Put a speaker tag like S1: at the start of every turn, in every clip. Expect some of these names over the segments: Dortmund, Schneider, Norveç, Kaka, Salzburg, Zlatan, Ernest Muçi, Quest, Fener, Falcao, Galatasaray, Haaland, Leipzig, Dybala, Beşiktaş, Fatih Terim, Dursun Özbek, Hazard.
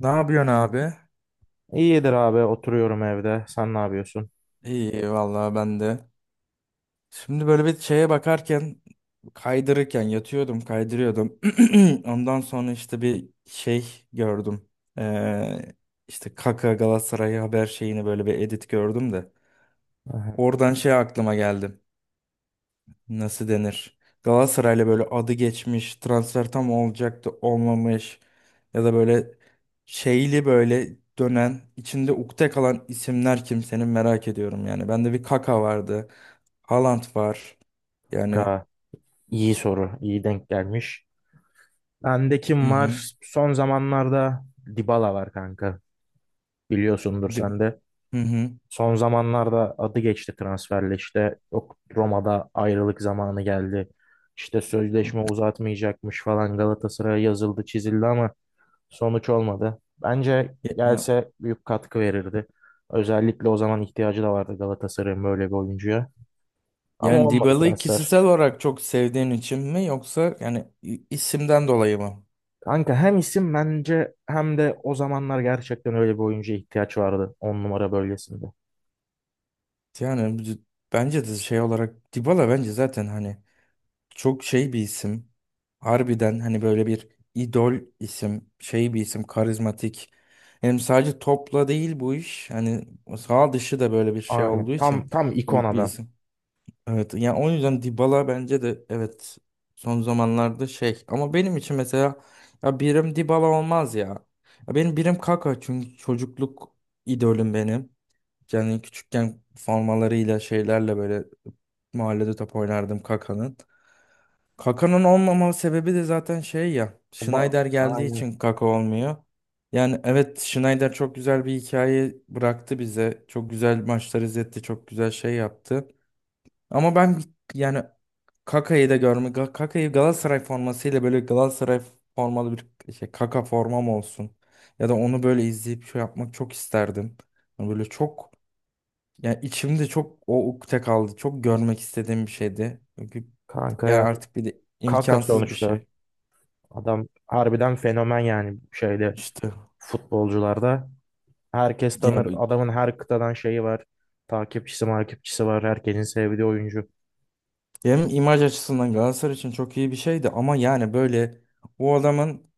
S1: Ne yapıyorsun abi?
S2: İyidir abi, oturuyorum evde. Sen ne yapıyorsun?
S1: İyi vallahi ben de. Şimdi böyle bir şeye bakarken kaydırırken yatıyordum kaydırıyordum. Ondan sonra işte bir şey gördüm. Ee, işte Kaka Galatasaray haber şeyini böyle bir edit gördüm de.
S2: Aha.
S1: Oradan şey aklıma geldi. Nasıl denir? Galatasaray'la böyle adı geçmiş, transfer tam olacaktı, olmamış ya da böyle şeyli böyle dönen, içinde ukde kalan isimler kim senin merak ediyorum yani. Bende bir Kaka vardı. Haaland var. Yani
S2: Kanka, iyi soru. İyi denk gelmiş. Bende
S1: hı
S2: kim
S1: hı.
S2: var? Son zamanlarda Dybala var kanka. Biliyorsundur
S1: Di-
S2: sen de.
S1: Hı hı.
S2: Son zamanlarda adı geçti transferle işte. Yok, Roma'da ayrılık zamanı geldi. İşte sözleşme uzatmayacakmış falan, Galatasaray'a yazıldı çizildi ama sonuç olmadı. Bence
S1: Ya-
S2: gelse büyük katkı verirdi. Özellikle o zaman ihtiyacı da vardı Galatasaray'ın böyle bir oyuncuya. Ama
S1: Yani
S2: olmadı
S1: Dybala'yı
S2: transfer.
S1: kişisel olarak çok sevdiğin için mi yoksa yani isimden dolayı mı?
S2: Kanka hem isim bence hem de o zamanlar gerçekten öyle bir oyuncuya ihtiyaç vardı on numara bölgesinde.
S1: Yani bence de şey olarak Dybala bence zaten hani çok şey bir isim. Harbiden hani böyle bir idol isim, şey bir isim, karizmatik. Hem sadece topla değil bu iş. Hani sağ dışı da böyle bir şey
S2: Aynen.
S1: olduğu için
S2: Tam ikon
S1: büyük bir
S2: adam.
S1: isim. Evet yani o yüzden Dybala bence de evet, son zamanlarda şey, ama benim için mesela ya birim Dybala olmaz ya. Ya benim birim Kaka, çünkü çocukluk idolüm benim. Yani küçükken formalarıyla şeylerle böyle mahallede top oynardım Kaka'nın. Kaka'nın olmama sebebi de zaten şey ya. Schneider geldiği
S2: Aynen.
S1: için Kaka olmuyor. Yani evet, Schneider çok güzel bir hikaye bıraktı bize. Çok güzel maçlar izletti. Çok güzel şey yaptı. Ama ben yani Kaka'yı da görme. Kaka'yı Galatasaray formasıyla böyle Galatasaray formalı bir şey Kaka formam olsun. Ya da onu böyle izleyip şey yapmak çok isterdim. Yani böyle çok, ya içimde çok o ukde kaldı. Çok görmek istediğim bir şeydi. Çünkü
S2: Kanka
S1: yani
S2: yani
S1: artık bir de
S2: Kaka
S1: imkansız bir
S2: sonuçta
S1: şey.
S2: adam harbiden fenomen, yani şeyde
S1: İşte
S2: futbolcularda. Herkes
S1: ya
S2: tanır. Adamın her kıtadan şeyi var. Takipçisi var. Herkesin sevdiği oyuncu.
S1: hem imaj açısından Galatasaray için çok iyi bir şeydi, ama yani böyle o adamın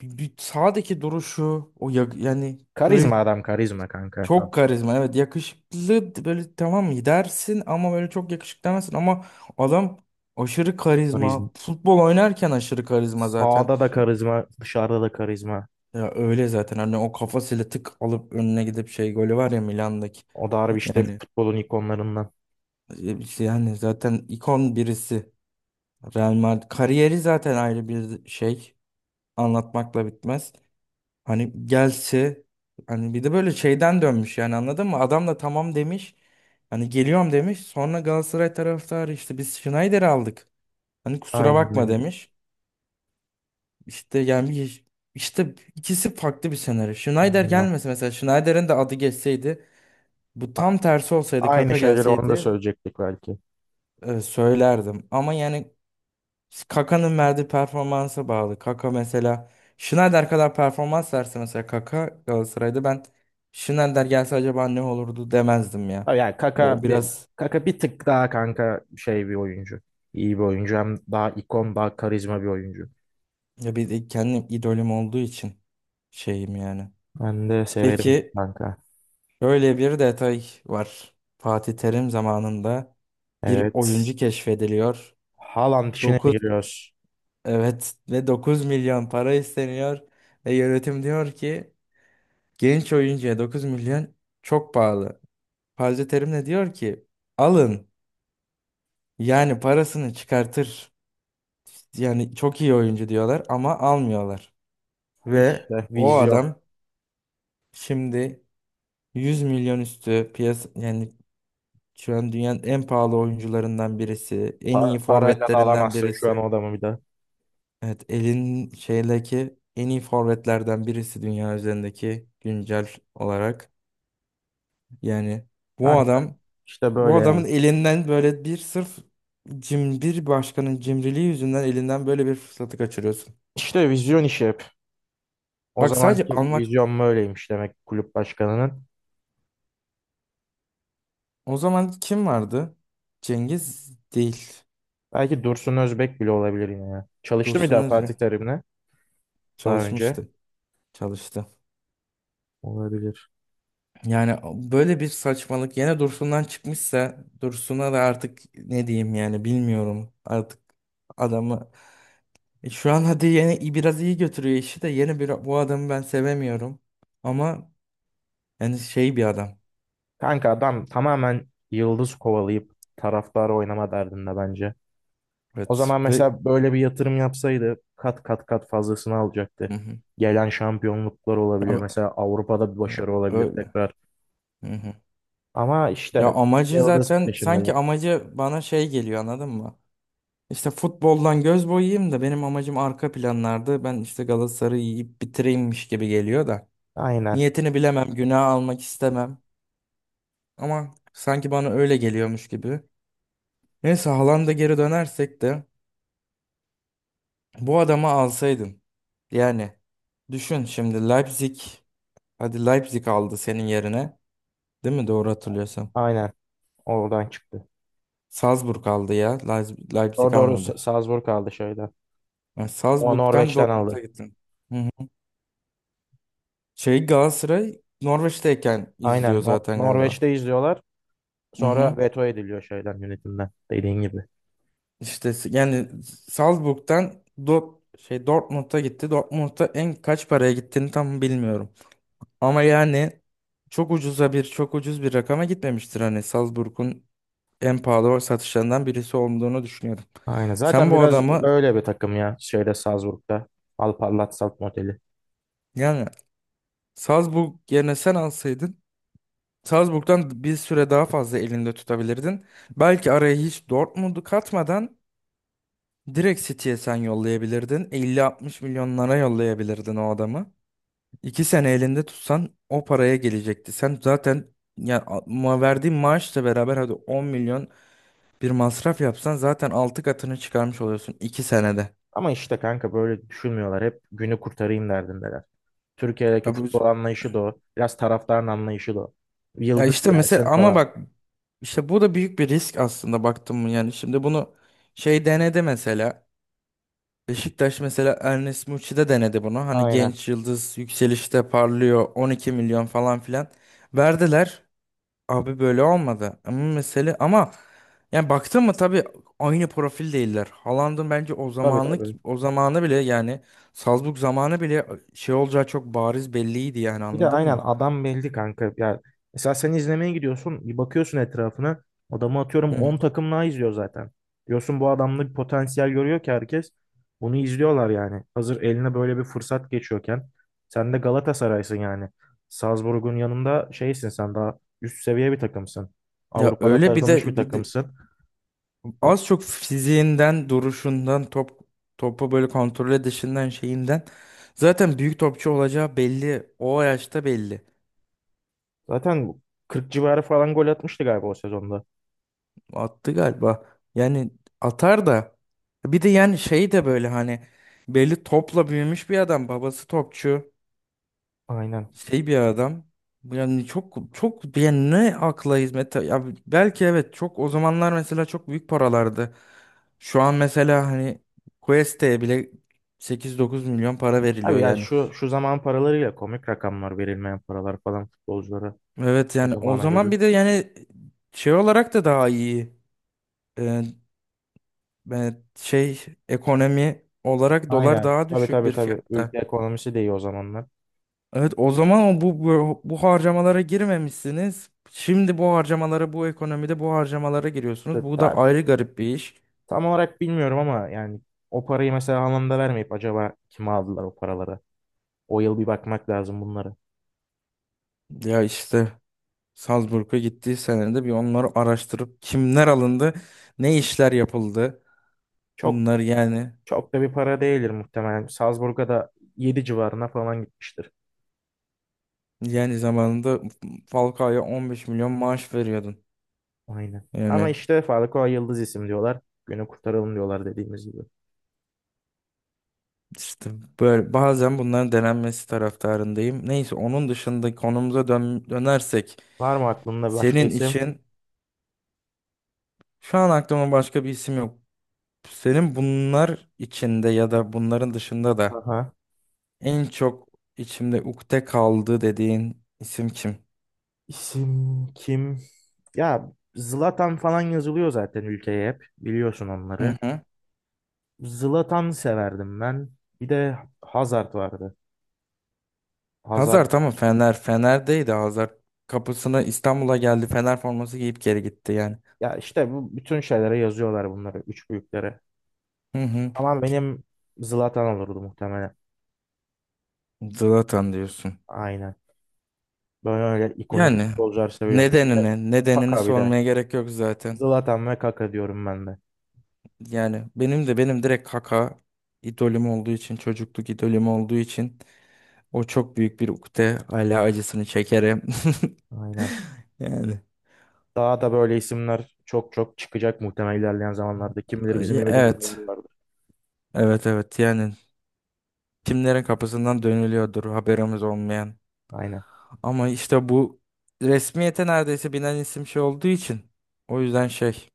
S1: bir sağdaki duruşu o yani
S2: Karizma
S1: böyle
S2: adam, karizma kanka. Tam
S1: çok karizma, evet, yakışıklı böyle tamam mı dersin ama böyle çok yakışıklı demezsin, ama adam aşırı
S2: karizma.
S1: karizma, futbol oynarken aşırı karizma zaten.
S2: Sağda da karizma, dışarıda da karizma.
S1: Ya öyle zaten, hani o kafasıyla tık alıp önüne gidip şey golü var ya Milan'daki.
S2: O da harbi işte
S1: Yani
S2: futbolun ikonlarından.
S1: işte yani zaten ikon birisi. Real Madrid kariyeri zaten ayrı bir şey. Anlatmakla bitmez. Hani gelse, hani bir de böyle şeyden dönmüş yani anladın mı? Adam da tamam demiş. Hani geliyorum demiş. Sonra Galatasaray taraftarı, işte biz Schneider'i aldık. Hani kusura
S2: Aynen,
S1: bakma
S2: aynen.
S1: demiş. İşte yani işte ikisi farklı bir senaryo. Schneider
S2: Aynen.
S1: gelmese mesela, Schneider'in de adı geçseydi, bu
S2: A-
S1: tam tersi olsaydı,
S2: Aynı
S1: Kaka
S2: şeyleri onu da
S1: gelseydi,
S2: söyleyecektik belki.
S1: söylerdim. Ama yani Kaka'nın verdiği performansa bağlı. Kaka mesela Schneider kadar performans verse mesela Kaka Galatasaray'da, ben Schneider gelse acaba ne olurdu demezdim
S2: Ha,
S1: ya.
S2: yani
S1: O,
S2: Kaka bir,
S1: biraz
S2: Kaka bir tık daha kanka şey bir oyuncu. İyi bir oyuncu. Hem daha ikon, daha karizma bir oyuncu.
S1: ya bir de kendim idolüm olduğu için şeyim yani.
S2: Ben de severim
S1: Peki,
S2: kanka.
S1: şöyle bir detay var. Fatih Terim zamanında bir
S2: Evet.
S1: oyuncu keşfediliyor.
S2: Haaland işine mi giriyoruz?
S1: Evet, ve 9 milyon para isteniyor ve yönetim diyor ki genç oyuncuya 9 milyon çok pahalı. Fazla Terim de diyor ki alın, yani parasını çıkartır. Yani çok iyi oyuncu diyorlar ama almıyorlar. Ve
S2: İşte
S1: o
S2: vizyon.
S1: adam şimdi 100 milyon üstü piyasa, yani şu an dünyanın en pahalı oyuncularından birisi, en iyi
S2: Parayla da
S1: forvetlerinden
S2: alamazsın şu an
S1: birisi.
S2: o adamı bir de.
S1: Evet, elin şeydeki en iyi forvetlerden birisi, dünya üzerindeki güncel olarak. Yani bu
S2: Kanka
S1: adam
S2: işte
S1: bu
S2: böyle
S1: adamın
S2: ya.
S1: elinden böyle bir, sırf bir başkanın cimriliği yüzünden, elinden böyle bir fırsatı kaçırıyorsun.
S2: İşte vizyon işi hep. O
S1: Bak, sadece
S2: zamanki
S1: almak.
S2: vizyon böyleymiş demek kulüp başkanının.
S1: O zaman kim vardı? Cengiz değil.
S2: Belki Dursun Özbek bile olabilir yine ya. Çalıştı mı
S1: Dursun
S2: daha
S1: Özbek
S2: Fatih Terim'le? Daha önce.
S1: çalışmıştı. Çalıştı.
S2: Olabilir.
S1: Yani böyle bir saçmalık yine Dursun'dan çıkmışsa, Dursun'a da artık ne diyeyim yani, bilmiyorum. Artık adamı şu an hadi yeni biraz iyi götürüyor işi de, yeni bir bu adamı ben sevemiyorum. Ama yani şey bir adam.
S2: Kanka adam tamamen yıldız kovalayıp taraftar oynama derdinde bence. O
S1: Evet
S2: zaman
S1: ve
S2: mesela böyle bir yatırım yapsaydı kat kat kat fazlasını alacaktı.
S1: Hı hı.
S2: Gelen şampiyonluklar olabilir.
S1: Ya,
S2: Mesela Avrupa'da bir
S1: ya,
S2: başarı olabilir
S1: öyle.
S2: tekrar.
S1: Hı hı.
S2: Ama
S1: Ya
S2: işte
S1: amacı
S2: yıldız
S1: zaten, sanki
S2: peşindeler.
S1: amacı bana şey geliyor anladın mı? İşte futboldan göz boyayayım da, benim amacım arka planlarda ben işte Galatasaray'ı yiyip bitireyimmiş gibi geliyor da.
S2: Aynen.
S1: Niyetini bilemem, günah almak istemem, ama sanki bana öyle geliyormuş gibi. Neyse, Haaland'a geri dönersek de, bu adamı alsaydın. Yani düşün şimdi Leipzig. Hadi Leipzig aldı senin yerine. Değil mi? Doğru hatırlıyorsam.
S2: Aynen. Oradan çıktı.
S1: Salzburg aldı ya.
S2: Doğru,
S1: Leipzig
S2: doğru.
S1: almadı.
S2: Salzburg aldı şeyden.
S1: Yani
S2: O
S1: Salzburg'dan
S2: Norveç'ten
S1: Dortmund'a
S2: aldı.
S1: gittin. Hı hı. Şey Galatasaray Norveç'teyken izliyor
S2: Aynen.
S1: zaten galiba.
S2: Norveç'te izliyorlar.
S1: Hı
S2: Sonra
S1: hı.
S2: veto ediliyor şeyden, yönetimden. Dediğin gibi.
S1: İşte yani Salzburg'dan şey Dortmund'a gitti. Dortmund'a en kaç paraya gittiğini tam bilmiyorum. Ama yani çok ucuz bir rakama gitmemiştir, hani Salzburg'un en pahalı satışlarından birisi olduğunu düşünüyordum.
S2: Aynen.
S1: Sen
S2: Zaten
S1: bu
S2: biraz
S1: adamı,
S2: öyle bir takım ya şeyde, Salzburg'da. Alparlat Salt modeli.
S1: yani Salzburg yerine sen alsaydın, Salzburg'dan bir süre daha fazla elinde tutabilirdin. Belki araya hiç Dortmund'u katmadan direkt City'ye sen yollayabilirdin. 50-60 milyonlara yollayabilirdin o adamı. 2 sene elinde tutsan o paraya gelecekti. Sen zaten ya verdiğin maaşla beraber hadi 10 milyon bir masraf yapsan zaten 6 katını çıkarmış oluyorsun 2 senede.
S2: Ama işte kanka böyle düşünmüyorlar. Hep günü kurtarayım derdindeler. Türkiye'deki
S1: Ya bu
S2: futbol anlayışı da o. Biraz taraftarın anlayışı da o.
S1: Ya
S2: Yıldız
S1: işte mesela,
S2: gelsin
S1: ama
S2: falan.
S1: bak işte bu da büyük bir risk aslında, baktım mı yani şimdi bunu şey denedi mesela, Beşiktaş mesela Ernest Muçi'de denedi bunu, hani
S2: Aynen.
S1: genç yıldız yükselişte parlıyor, 12 milyon falan filan verdiler, abi böyle olmadı. Ama mesele, ama yani baktın mı tabii aynı profil değiller Haaland'ın bence, o
S2: Tabii,
S1: zamanlık
S2: tabii.
S1: o zamanı bile yani, Salzburg zamanı bile şey olacağı çok bariz belliydi yani
S2: Bir de
S1: anladın
S2: aynen
S1: mı?
S2: adam belli kanka. Ya mesela sen izlemeye gidiyorsun, bir bakıyorsun etrafına. Adamı atıyorum
S1: Hı hı.
S2: 10 takım daha izliyor zaten. Diyorsun bu adamda bir potansiyel görüyor ki herkes. Bunu izliyorlar yani. Hazır eline böyle bir fırsat geçiyorken. Sen de Galatasaray'sın yani. Salzburg'un yanında şeysin, sen daha üst seviye bir takımsın.
S1: Ya
S2: Avrupa'da
S1: öyle, bir
S2: tanınmış bir
S1: de
S2: takımsın. A-
S1: az çok fiziğinden, duruşundan, topu böyle kontrol edişinden, şeyinden, zaten büyük topçu olacağı belli. O yaşta belli.
S2: Zaten 40 civarı falan gol atmıştı galiba o sezonda.
S1: Attı galiba. Yani atar da, bir de yani şey de böyle hani belli topla büyümüş bir adam. Babası topçu.
S2: Aynen.
S1: Şey bir adam yani çok çok, yani ne akla hizmet ya, belki evet çok, o zamanlar mesela çok büyük paralardı. Şu an mesela hani Quest'e bile 8-9 milyon para
S2: Abi
S1: veriliyor
S2: ya,
S1: yani.
S2: şu zaman paralarıyla komik rakamlar verilmeyen paralar falan futbolculara.
S1: Evet
S2: O
S1: yani o
S2: zamana
S1: zaman
S2: göre.
S1: bir de yani şey olarak da daha iyi. Ee, şey ekonomi olarak dolar
S2: Aynen.
S1: daha
S2: Tabii,
S1: düşük
S2: tabii,
S1: bir
S2: tabii.
S1: fiyatta.
S2: Ülke ekonomisi de iyi o zamanlar.
S1: Evet, o zaman o bu harcamalara girmemişsiniz. Şimdi bu harcamalara, bu ekonomide bu harcamalara
S2: İşte
S1: giriyorsunuz. Bu da ayrı garip bir iş.
S2: tam olarak bilmiyorum ama yani o parayı mesela anlamda vermeyip acaba kime aldılar o paraları? O yıl bir bakmak lazım bunlara.
S1: Ya işte Salzburg'a gittiği senede bir onları araştırıp kimler alındı, ne işler yapıldı.
S2: Çok
S1: Bunlar yani,
S2: çok da bir para değildir muhtemelen. Salzburg'a da yedi civarına falan gitmiştir.
S1: zamanında Falcao'ya 15 milyon maaş veriyordun.
S2: Aynen. Ama
S1: Yani
S2: işte Falcao yıldız isim diyorlar. Günü kurtaralım diyorlar, dediğimiz gibi.
S1: işte böyle bazen bunların denenmesi taraftarındayım. Neyse, onun dışında konumuza dönersek
S2: Var mı aklında başka
S1: senin
S2: isim?
S1: için. Şu an aklıma başka bir isim yok. Senin bunlar içinde ya da bunların dışında da
S2: Aha.
S1: en çok içimde ukde kaldı dediğin isim kim?
S2: İsim kim? Ya Zlatan falan yazılıyor zaten ülkeye hep. Biliyorsun
S1: Hı
S2: onları.
S1: hı.
S2: Zlatan severdim ben. Bir de Hazard vardı. Hazard.
S1: Hazard tamam, Fener. Fener'deydi Hazar. Kapısına İstanbul'a geldi. Fener forması giyip geri gitti yani.
S2: Ya işte bu bütün şeylere yazıyorlar bunları. Üç büyüklere.
S1: Hı hı.
S2: Ama benim Zlatan olurdu muhtemelen.
S1: Zlatan diyorsun.
S2: Aynen. Böyle öyle ikonik
S1: Yani
S2: futbolcular seviyorum. Bir de
S1: nedenini, nedenini
S2: Kaka bir de.
S1: sormaya gerek yok zaten.
S2: Zlatan ve Kaka diyorum ben de.
S1: Yani benim direkt Kaka, idolüm olduğu için, çocukluk idolüm olduğu için o çok büyük bir ukde. Hala acısını çekerim.
S2: Aynen.
S1: Yani
S2: Daha da böyle isimler çok çok çıkacak muhtemelen ilerleyen zamanlarda. Kim bilir bizim
S1: e,
S2: bilmediğimiz
S1: evet.
S2: neler vardır.
S1: Evet, evet, yani kimlerin kapısından dönülüyordur haberimiz olmayan.
S2: Aynen.
S1: Ama işte bu resmiyete neredeyse binen isim şey olduğu için, o yüzden şey.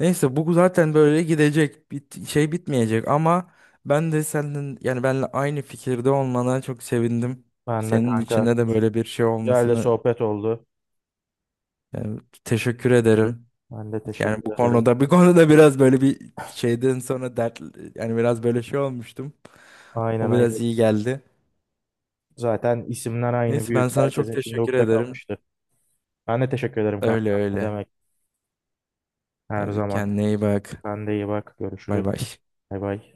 S1: Neyse bu zaten böyle gidecek. Şey bitmeyecek ama ben de senin, yani benle aynı fikirde olmana çok sevindim.
S2: Ben de
S1: Senin
S2: kanka.
S1: içinde de böyle bir şey
S2: Güzel de
S1: olmasını,
S2: sohbet oldu.
S1: yani teşekkür ederim.
S2: Ben de
S1: Yani bu
S2: teşekkür ederim.
S1: konuda, biraz böyle bir şeyden sonra dert, yani biraz böyle şey olmuştum.
S2: Aynen,
S1: O biraz
S2: aynen.
S1: iyi geldi.
S2: Zaten isimler aynı
S1: Neyse ben
S2: büyük.
S1: sana çok
S2: Herkesin içinde
S1: teşekkür
S2: ukde
S1: ederim.
S2: kalmıştı. Ben de teşekkür ederim
S1: Öyle
S2: kanka. Ne
S1: öyle.
S2: demek, her
S1: Hadi
S2: zaman.
S1: kendine iyi bak.
S2: Sen de iyi bak.
S1: Bay
S2: Görüşürüz.
S1: bay.
S2: Bay bay.